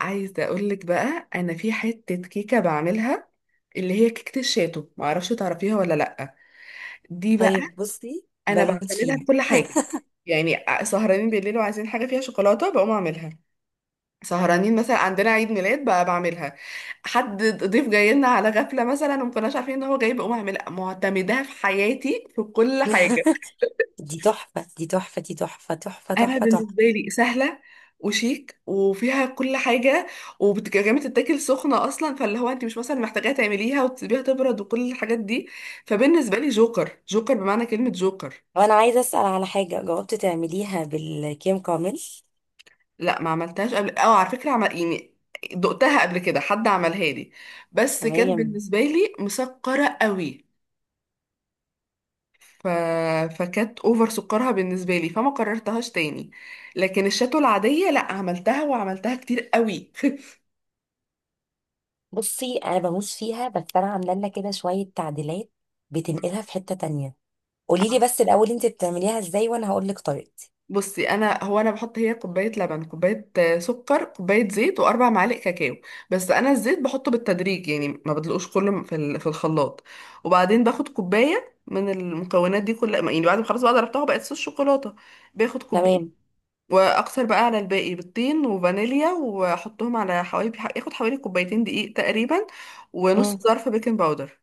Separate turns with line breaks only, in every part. عايزة أقولك بقى أنا في حتة كيكة بعملها، اللي هي كيكة الشاتو. معرفش تعرفيها ولا لأ. دي بقى
طيب بصي
أنا
بموت
بعتمدها في
فيها.
كل حاجة، يعني سهرانين بالليل وعايزين حاجة فيها شوكولاتة بقوم أعملها. سهرانين مثلا عندنا عيد ميلاد بقى بعملها. حد ضيف جاي لنا على غفلة مثلا ومكناش عارفين إن هو جاي بقوم أعملها، معتمداها في حياتي في كل حاجة.
دي تحفة، دي تحفة، دي تحفة، تحفة،
انا
تحفة، تحفة.
بالنسبه لي سهله وشيك وفيها كل حاجه. وكمان بتتاكل سخنه اصلا، فاللي هو انت مش مثلا محتاجاها تعمليها وتسيبيها تبرد وكل الحاجات دي. فبالنسبه لي جوكر، جوكر بمعنى كلمه جوكر.
وانا عايزة اسأل على حاجة، جاوبت تعمليها بالكيم كامل؟
لا، ما عملتهاش قبل، اه، على فكره عمل يعني دقتها قبل كده، حد عملها لي، بس كانت
تمام.
بالنسبه لي مسكره قوي. ف... فكانت اوفر سكرها بالنسبه لي فما قررتهاش تاني. لكن الشاتو العاديه لا، عملتها وعملتها كتير قوي.
بصي، انا بموت فيها، بس انا عاملة لنا كده شوية تعديلات، بتنقلها في حتة تانية. قولي لي بس الاول انت بتعمليها ازاي، وانا هقول لك طريقتي.
بصي، انا بحط هي كوبايه لبن، كوبايه سكر، كوبايه زيت، واربع معالق كاكاو. بس انا الزيت بحطه بالتدريج، يعني ما بدلقوش كله في الخلاط. وبعدين باخد كوبايه من المكونات دي كلها، يعني بعد ما خلاص بقى ضربتها بقت صوص شوكولاته، باخد كوبايه
تمام.
واكثر بقى على الباقي، بالطين وفانيليا، واحطهم على حوالي، ياخد حوالي كوبايتين دقيق تقريبا ونص
مم.
ظرف بيكنج باودر.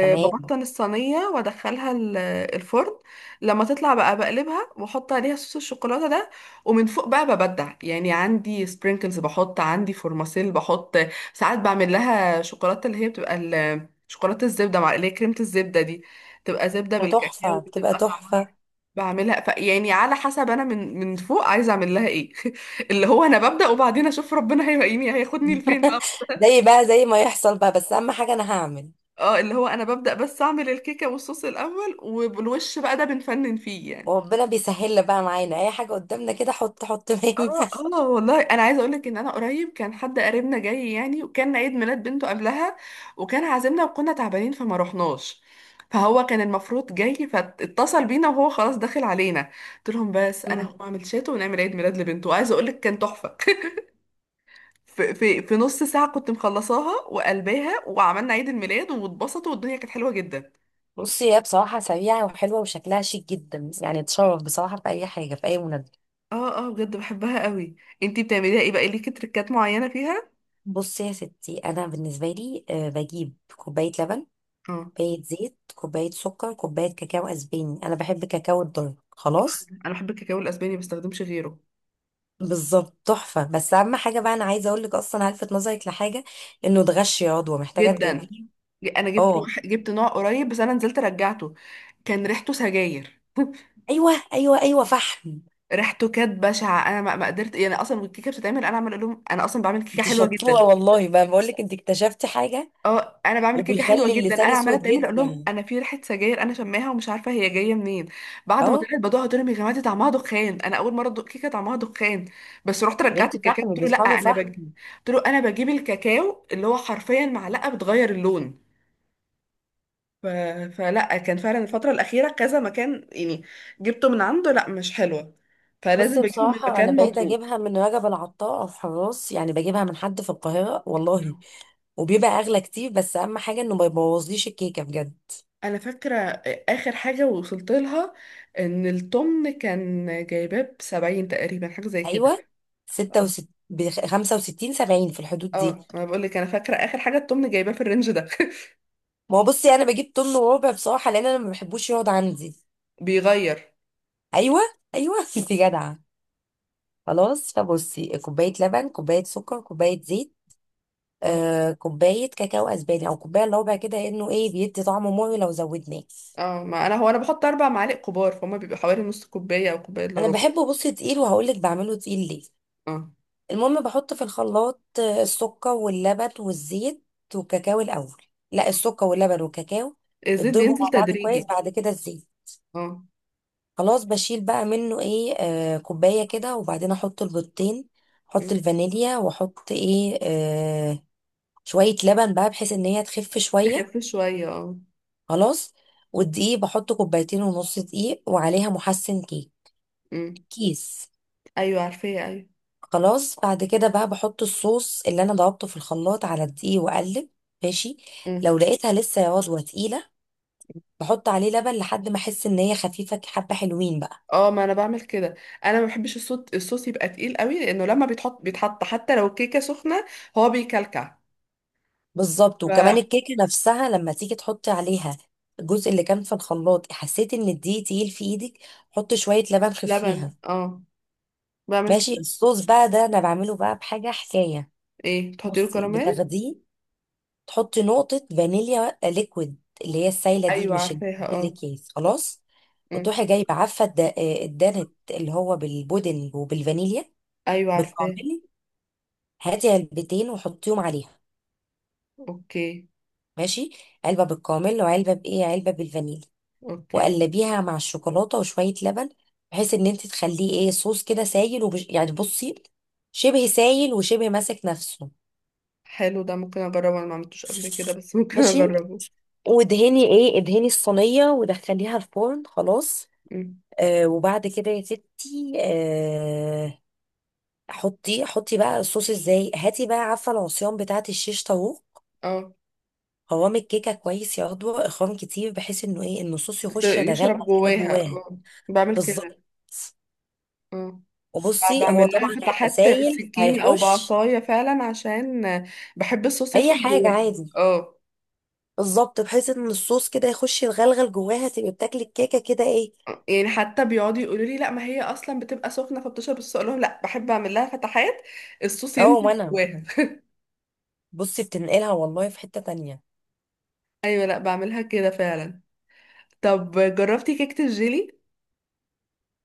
تمام.
الصينية وادخلها الفرن. لما تطلع بقى بقلبها واحط عليها صوص الشوكولاتة ده، ومن فوق بقى ببدع. يعني عندي سبرينكلز بحط، عندي فورماسيل بحط، ساعات بعمل لها شوكولاتة، اللي هي بتبقى شوكولاتة الزبدة، مع اللي هي كريمة الزبدة دي، بتبقى زبدة
بتبقى تحفة،
بالكاكاو،
بتبقى
بتبقى طعمها.
تحفة.
بعملها ف يعني على حسب انا من فوق عايزه اعمل لها ايه. اللي هو انا ببدأ وبعدين اشوف ربنا هيلاقيني هياخدني لفين بقى.
زي بقى زي ما يحصل بقى، بس اهم حاجة انا هعمل.
اه، اللي هو انا ببدأ بس اعمل الكيكة والصوص الاول، والوش بقى ده بنفنن فيه يعني.
وربنا بيسهل بقى معانا اي حاجة قدامنا كده، حط حط
اه.
مهمة.
اه والله انا عايزه اقول لك ان انا قريب كان حد قريبنا جاي يعني، وكان عيد ميلاد بنته قبلها، وكان عازمنا وكنا تعبانين فما رحناش. فهو كان المفروض جاي فاتصل بينا وهو خلاص داخل علينا، قلت لهم بس انا
مم.
هقوم اعمل شاتو ونعمل عيد ميلاد لبنته، وعايزه اقول لك كان تحفه. في نص ساعه كنت مخلصاها وقلباها وعملنا عيد الميلاد واتبسطوا والدنيا كانت حلوه جدا.
بصي، هي بصراحة سريعة وحلوة وشكلها شيك جدا، يعني تشرف بصراحة في أي حاجة، في أي مناسبة.
اه. اه، بجد بحبها قوي. انتي بتعمليها ايه بقى؟ ليكي تريكات معينه فيها؟
بصي يا ستي، أنا بالنسبة لي بجيب كوباية لبن،
اه،
كوباية زيت، كوباية سكر، كوباية كاكاو أسباني. أنا بحب كاكاو الدارك، خلاص.
انا بحب الكاكاو الاسباني، ما بستخدمش غيره.
بالظبط، تحفة. بس أهم حاجة بقى، أنا عايزة أقول لك أصلا هلفت نظرك لحاجة، إنه ده غش يا عضوة، محتاجة
جدا.
تجيبيه.
انا
أه،
جبت نوع قريب، بس انا نزلت رجعته، كان ريحته سجاير.
أيوه أيوه أيوه، فحم.
ريحته كانت بشعه، انا ما قدرت. يعني اصلا الكيكه بتتعمل، انا عمال اقول لهم انا اصلا بعمل كيكه
أنت
حلوه جدا.
شطورة والله، بقى بقول لك، أنت اكتشفتي حاجة.
اه، انا بعمل كيكه حلوه
وبيخلي
جدا، انا
اللسان
عماله
أسود
اتعمل اقول لهم
جدا.
انا في ريحه سجاير، انا شماها ومش عارفه هي جايه منين. بعد ما
أه.
طلعت بدوقها قلت لهم يا جماعه دي طعمها دخان، انا اول مره ادوق كيكه طعمها دخان. بس رحت
يا
رجعت
بنتي،
الكاكاو،
فحم،
قلت له لا
بيطحنوا
انا
فحم.
قلت له انا بجيب الكاكاو اللي هو حرفيا معلقه بتغير اللون. ف... فلا، كان فعلا الفتره الاخيره كذا مكان يعني جبته من عنده، لا، مش حلوه. فلازم
بصي،
بجيبه من
بصراحة أنا
مكان
بقيت
مضمون.
أجيبها من رجب العطار أو حراس، يعني بجيبها من حد في القاهرة والله، وبيبقى أغلى كتير، بس أهم حاجة إنه ما يبوظليش الكيكة بجد.
انا فاكره اخر حاجه وصلت لها ان الطمن كان جايباه ب 70 تقريبا، حاجه زي كده.
أيوة. ستة وست ب65، 70، في الحدود دي.
اه، ما بقول لك انا فاكره اخر حاجه الطمن جايباه في الرينج ده.
ما هو بصي، أنا بجيب طن وربع بصراحة، لأن أنا ما بحبوش يقعد عندي.
بيغير.
أيوة، أيوة. أنت جدعة. خلاص، فبصي، كوباية لبن، كوباية سكر، كوباية زيت،
اه.
كوباية كاكاو أسباني، أو كوباية إلا ربع كده، إنه إيه بيدي طعم مر لو زودناه.
اه، ما انا هو انا بحط اربع معالق كبار، فهم بيبقى حوالي نص كوبايه او كوبايه الا
انا
ربع.
بحبه بصي تقيل، وهقولك بعمله تقيل ليه.
اه.
المهم، بحط في الخلاط السكر واللبن والزيت والكاكاو الاول. لا، السكر واللبن والكاكاو،
الزيت
بتضربوا
بينزل
مع بعض كويس،
تدريجي.
بعد كده الزيت.
اه.
خلاص، بشيل بقى منه ايه كوبايه كده، وبعدين احط البيضتين،
م.
احط الفانيليا، واحط ايه شويه لبن بقى، بحيث ان هي تخف شويه،
بيخف شويه، اه.
خلاص. والدقيق بحط كوبايتين ونص دقيق، وعليها محسن كيك،
م.
كيس.
ايوه، عارفاه، ايوه.
خلاص، بعد كده بقى بحط الصوص اللي انا ضربته في الخلاط على الدقيق، واقلب. ماشي.
م.
لو لقيتها لسه يا عضوة تقيلة، بحط عليه لبن لحد ما احس ان هي خفيفة حبة، حلوين بقى.
اه، ما انا بعمل كده. انا ما بحبش الصوت، الصوص يبقى تقيل قوي، لانه لما بيتحط بيتحط حتى لو الكيكه سخنه هو بيكلكع.
بالظبط، وكمان الكيكة نفسها لما تيجي تحطي عليها، الجزء اللي كان في الخلاط، حسيت ان الدقيق تقيل في ايدك، حط شوية لبن خفيها.
فلبن، اه، بعمل
ماشي.
كده.
الصوص بقى ده انا بعمله بقى بحاجة حكاية.
ايه، تحطي له
بصي،
كراميل؟
بتاخديه، تحطي نقطة فانيليا ليكويد، اللي هي السايلة دي،
ايوه
مش ال-
عارفاها،
مش
اه.
الأكياس، خلاص.
أمم.
وتروحي جايبة عفة الدانت اللي هو بالبودنج وبالفانيليا
ايوه عارفاها.
بالكامل. هاتي علبتين وحطيهم عليها.
اوكي.
ماشي. علبة بالكامل، وعلبة بإيه، علبة بالفانيليا.
اوكي.
وقلبيها مع الشوكولاتة وشوية لبن، بحيث ان انت تخليه ايه صوص كده سايل، ومش يعني بصي، شبه سايل وشبه ماسك نفسه.
حلو، ده ممكن اجربه، انا ما عملتوش قبل كده، بس ممكن
ماشي.
اجربه.
وادهني ايه ادهني الصينية، ودخليها الفرن، خلاص.
أمم.
وبعد كده يا ستي، حطي حطي بقى الصوص ازاي، هاتي بقى عارفه العصيان بتاعه الشيش طاووق،
اه.
قوام الكيكه كويس يا عضوة اخوان كتير، بحيث انه ايه ان الصوص يخش يتغلغل
يشرب
كده
جواها،
جواها.
اه، بعمل كده.
بالظبط،
اه.
وبصي هو
بعمل لها
طبعا هيبقى
فتحات
سايل،
بالسكينه او
هيخش.
بعصايه فعلا عشان بحب الصوص
اي
يدخل
حاجه
جواها.
عادي.
اه.
بالظبط، بحيث ان الصوص كده يخش يتغلغل جواها، تبقى بتاكلي الكيكه كده ايه.
يعني حتى بيقعدوا يقولوا لي لا ما هي اصلا بتبقى سخنه فبتشرب الصوص، اقول لهم لا، بحب اعمل لها فتحات، الصوص
اه.
ينزل
وانا
جواها.
بصي، بتنقلها والله في حته تانية.
ايوه، لا بعملها كده فعلا. طب، جربتي كيكه الجيلي؟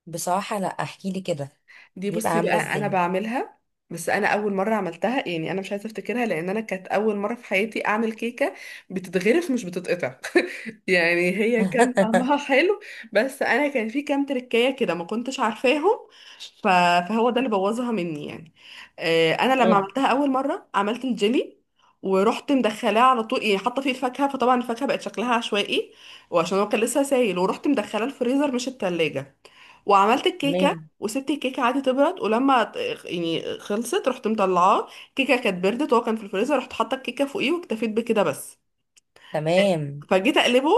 بصراحه لا، احكي لي كده.
دي
بيبقى
بصي
عامله
بقى انا
ازاي؟
بعملها. بس انا اول مره عملتها، يعني انا مش عايزه افتكرها لان انا كانت اول مره في حياتي اعمل كيكه، بتتغرف مش بتتقطع. يعني هي كان طعمها حلو، بس انا كان في كام تركايه كده ما كنتش عارفاهم. ف- فهو ده اللي بوظها مني يعني. انا لما
تمام،
عملتها اول مره عملت الجيلي ورحت مدخلاه على طول، يعني حاطه فيه الفاكهه، فطبعا الفاكهه بقت شكلها عشوائي، وعشان هو كان لسه سايل ورحت مدخلاه الفريزر مش التلاجة. وعملت الكيكه
تمام،
وسبت الكيكه عادي تبرد. ولما يعني خلصت رحت مطلعاه، الكيكه كانت بردت وهو كان في الفريزر، رحت حاطه الكيكه فوقيه واكتفيت بكده بس.
تمام.
فجيت اقلبه،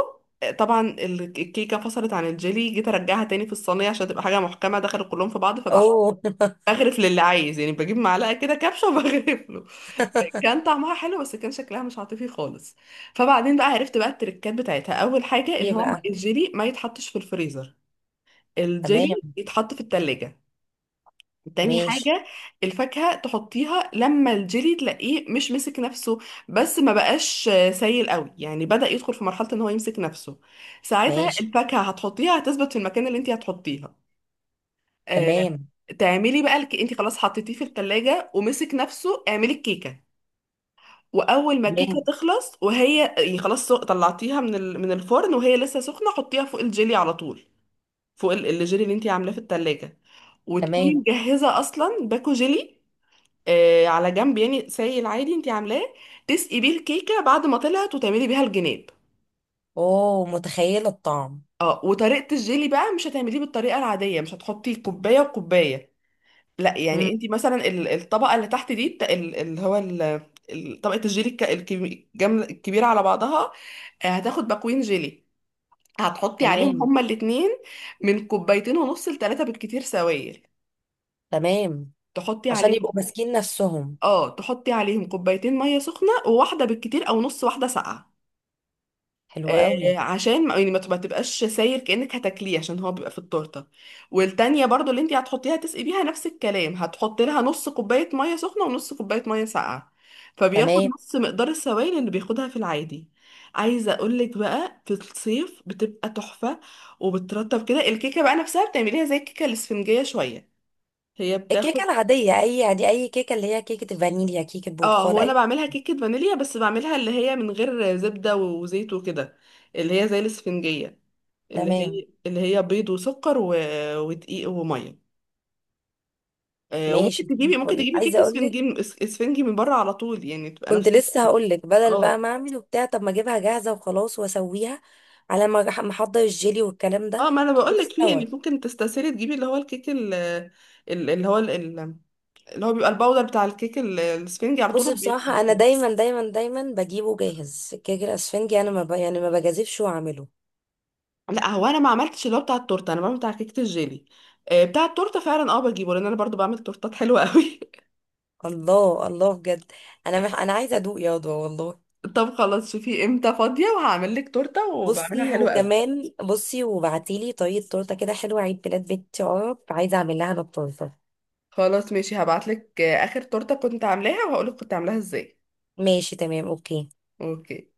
طبعا الكيكه فصلت عن الجيلي، جيت ارجعها تاني في الصينيه عشان تبقى حاجه محكمه، دخلوا كلهم في بعض. فبقى
اوه.
بغرف للي عايز يعني، بجيب معلقه كده كبشه وبغرف له. كان طعمها حلو بس كان شكلها مش عاطفي خالص. فبعدين بقى عرفت بقى التركات بتاعتها. اول حاجه ان
ايه
هو
بقى؟
الجيلي ما يتحطش في الفريزر،
تمام.
الجيلي يتحط في التلاجة. تاني
ماشي،
حاجة، الفاكهة تحطيها لما الجيلي تلاقيه مش مسك نفسه، بس ما بقاش سايل قوي، يعني بدأ يدخل في مرحلة ان هو يمسك نفسه. ساعتها
ماشي.
الفاكهة هتحطيها هتثبت في المكان اللي انت هتحطيها. آه،
تمام،
تعملي بقى انت خلاص حطيتيه في التلاجة ومسك نفسه، اعملي الكيكة. واول ما الكيكة
تمام،
تخلص وهي يعني خلاص طلعتيها من الفرن، وهي لسه سخنة حطيها فوق الجيلي على طول، فوق الجيلي اللي انت عاملاه في التلاجة. وتكوني
تمام.
مجهزة اصلا باكو جيلي، آه على جنب يعني سايل، العادي انت عاملاه، تسقي بيه الكيكه بعد ما طلعت، وتعملي بيها الجناب.
اوه، متخيلة الطعم.
اه. وطريقه الجيلي بقى مش هتعمليه بالطريقه العاديه، مش هتحطي كوبايه وكوبايه. لا، يعني
مم.
انت مثلا الطبقه اللي تحت دي اللي هو طبقه الجيلي الكبيره على بعضها. هتاخد باكوين جيلي، هتحطي عليهم
تمام،
هما الاتنين من كوبايتين ونص لتلاته بالكتير سوائل.
تمام،
تحطي
عشان يبقوا
عليهم،
ماسكين نفسهم.
اه، تحطي عليهم كوبايتين ميه سخنه وواحده بالكتير، او نص واحده ساقعه.
حلوة قوي.
عشان ما يعني ما تبقاش ساير كأنك هتاكليه عشان هو بيبقى في التورته. والتانية برضو اللي انت هتحطيها تسقي بيها، نفس الكلام، هتحطي لها نص كوباية مية سخنة ونص كوباية مية ساقعة، فبياخد
تمام.
نص مقدار السوائل اللي بياخدها في العادي. عايزة اقولك بقى في الصيف بتبقى تحفة، وبترطب كده الكيكة بقى نفسها، بتعمليها زي الكيكة الاسفنجية شوية، هي
الكيكة
بتاخد.
العادية اي عادي، اي كيكة، اللي هي كيكة الفانيليا، كيكة
اه،
برتقال،
هو انا
اي.
بعملها كيكة فانيليا، بس بعملها اللي هي من غير زبدة وزيت وكده، اللي هي زي الاسفنجية، اللي
تمام.
هي اللي هي بيض وسكر ودقيق وميه. وممكن
ماشي، دي
تجيبي ممكن
الفل
تجيبي كيك
عايزة اقول لك،
اسفنجي اسفنجي من بره على طول، يعني تبقى
كنت
نفس
لسه
الفكرة.
هقولك بدل بقى
اه.
ما اعمل وبتاع، طب ما اجيبها جاهزه وخلاص واسويها، على ما ما احضر الجيلي والكلام ده،
اه، ما انا بقول
تكون
لك فيه، يعني
استوى.
ممكن تستسهلي تجيبي اللي هو الكيك اللي هو اللي هو بيبقى الباودر بتاع الكيك الاسفنجي على طول
بصي، بصراحه انا
وبيخلص.
دايما دايما دايما بجيبه جاهز الكيك الاسفنجي، انا ما ب... يعني ما بجازفش واعمله.
لا، هو انا ما عملتش اللي هو بتاع التورته، انا بعمل بتاع كيكه الجيلي. بتاع التورته فعلا اه بجيبه، لان انا برضو بعمل تورتات حلوه قوي.
الله الله، بجد، انا انا عايزه ادوق يا رضوى والله.
طب خلاص، شوفي امتى فاضيه وهعمل لك تورته وبعملها
بصي،
حلوه قوي.
وكمان بصي، وبعتيلي طريقه تورته كده حلوه، عيد ميلاد بنتي عرب، عايزه اعمل لها انا التورته.
خلاص ماشي، هبعتلك اخر تورته كنت عاملاها وهقولك كنت عاملاها ازاي.
ماشي، تمام، اوكي.
اوكي.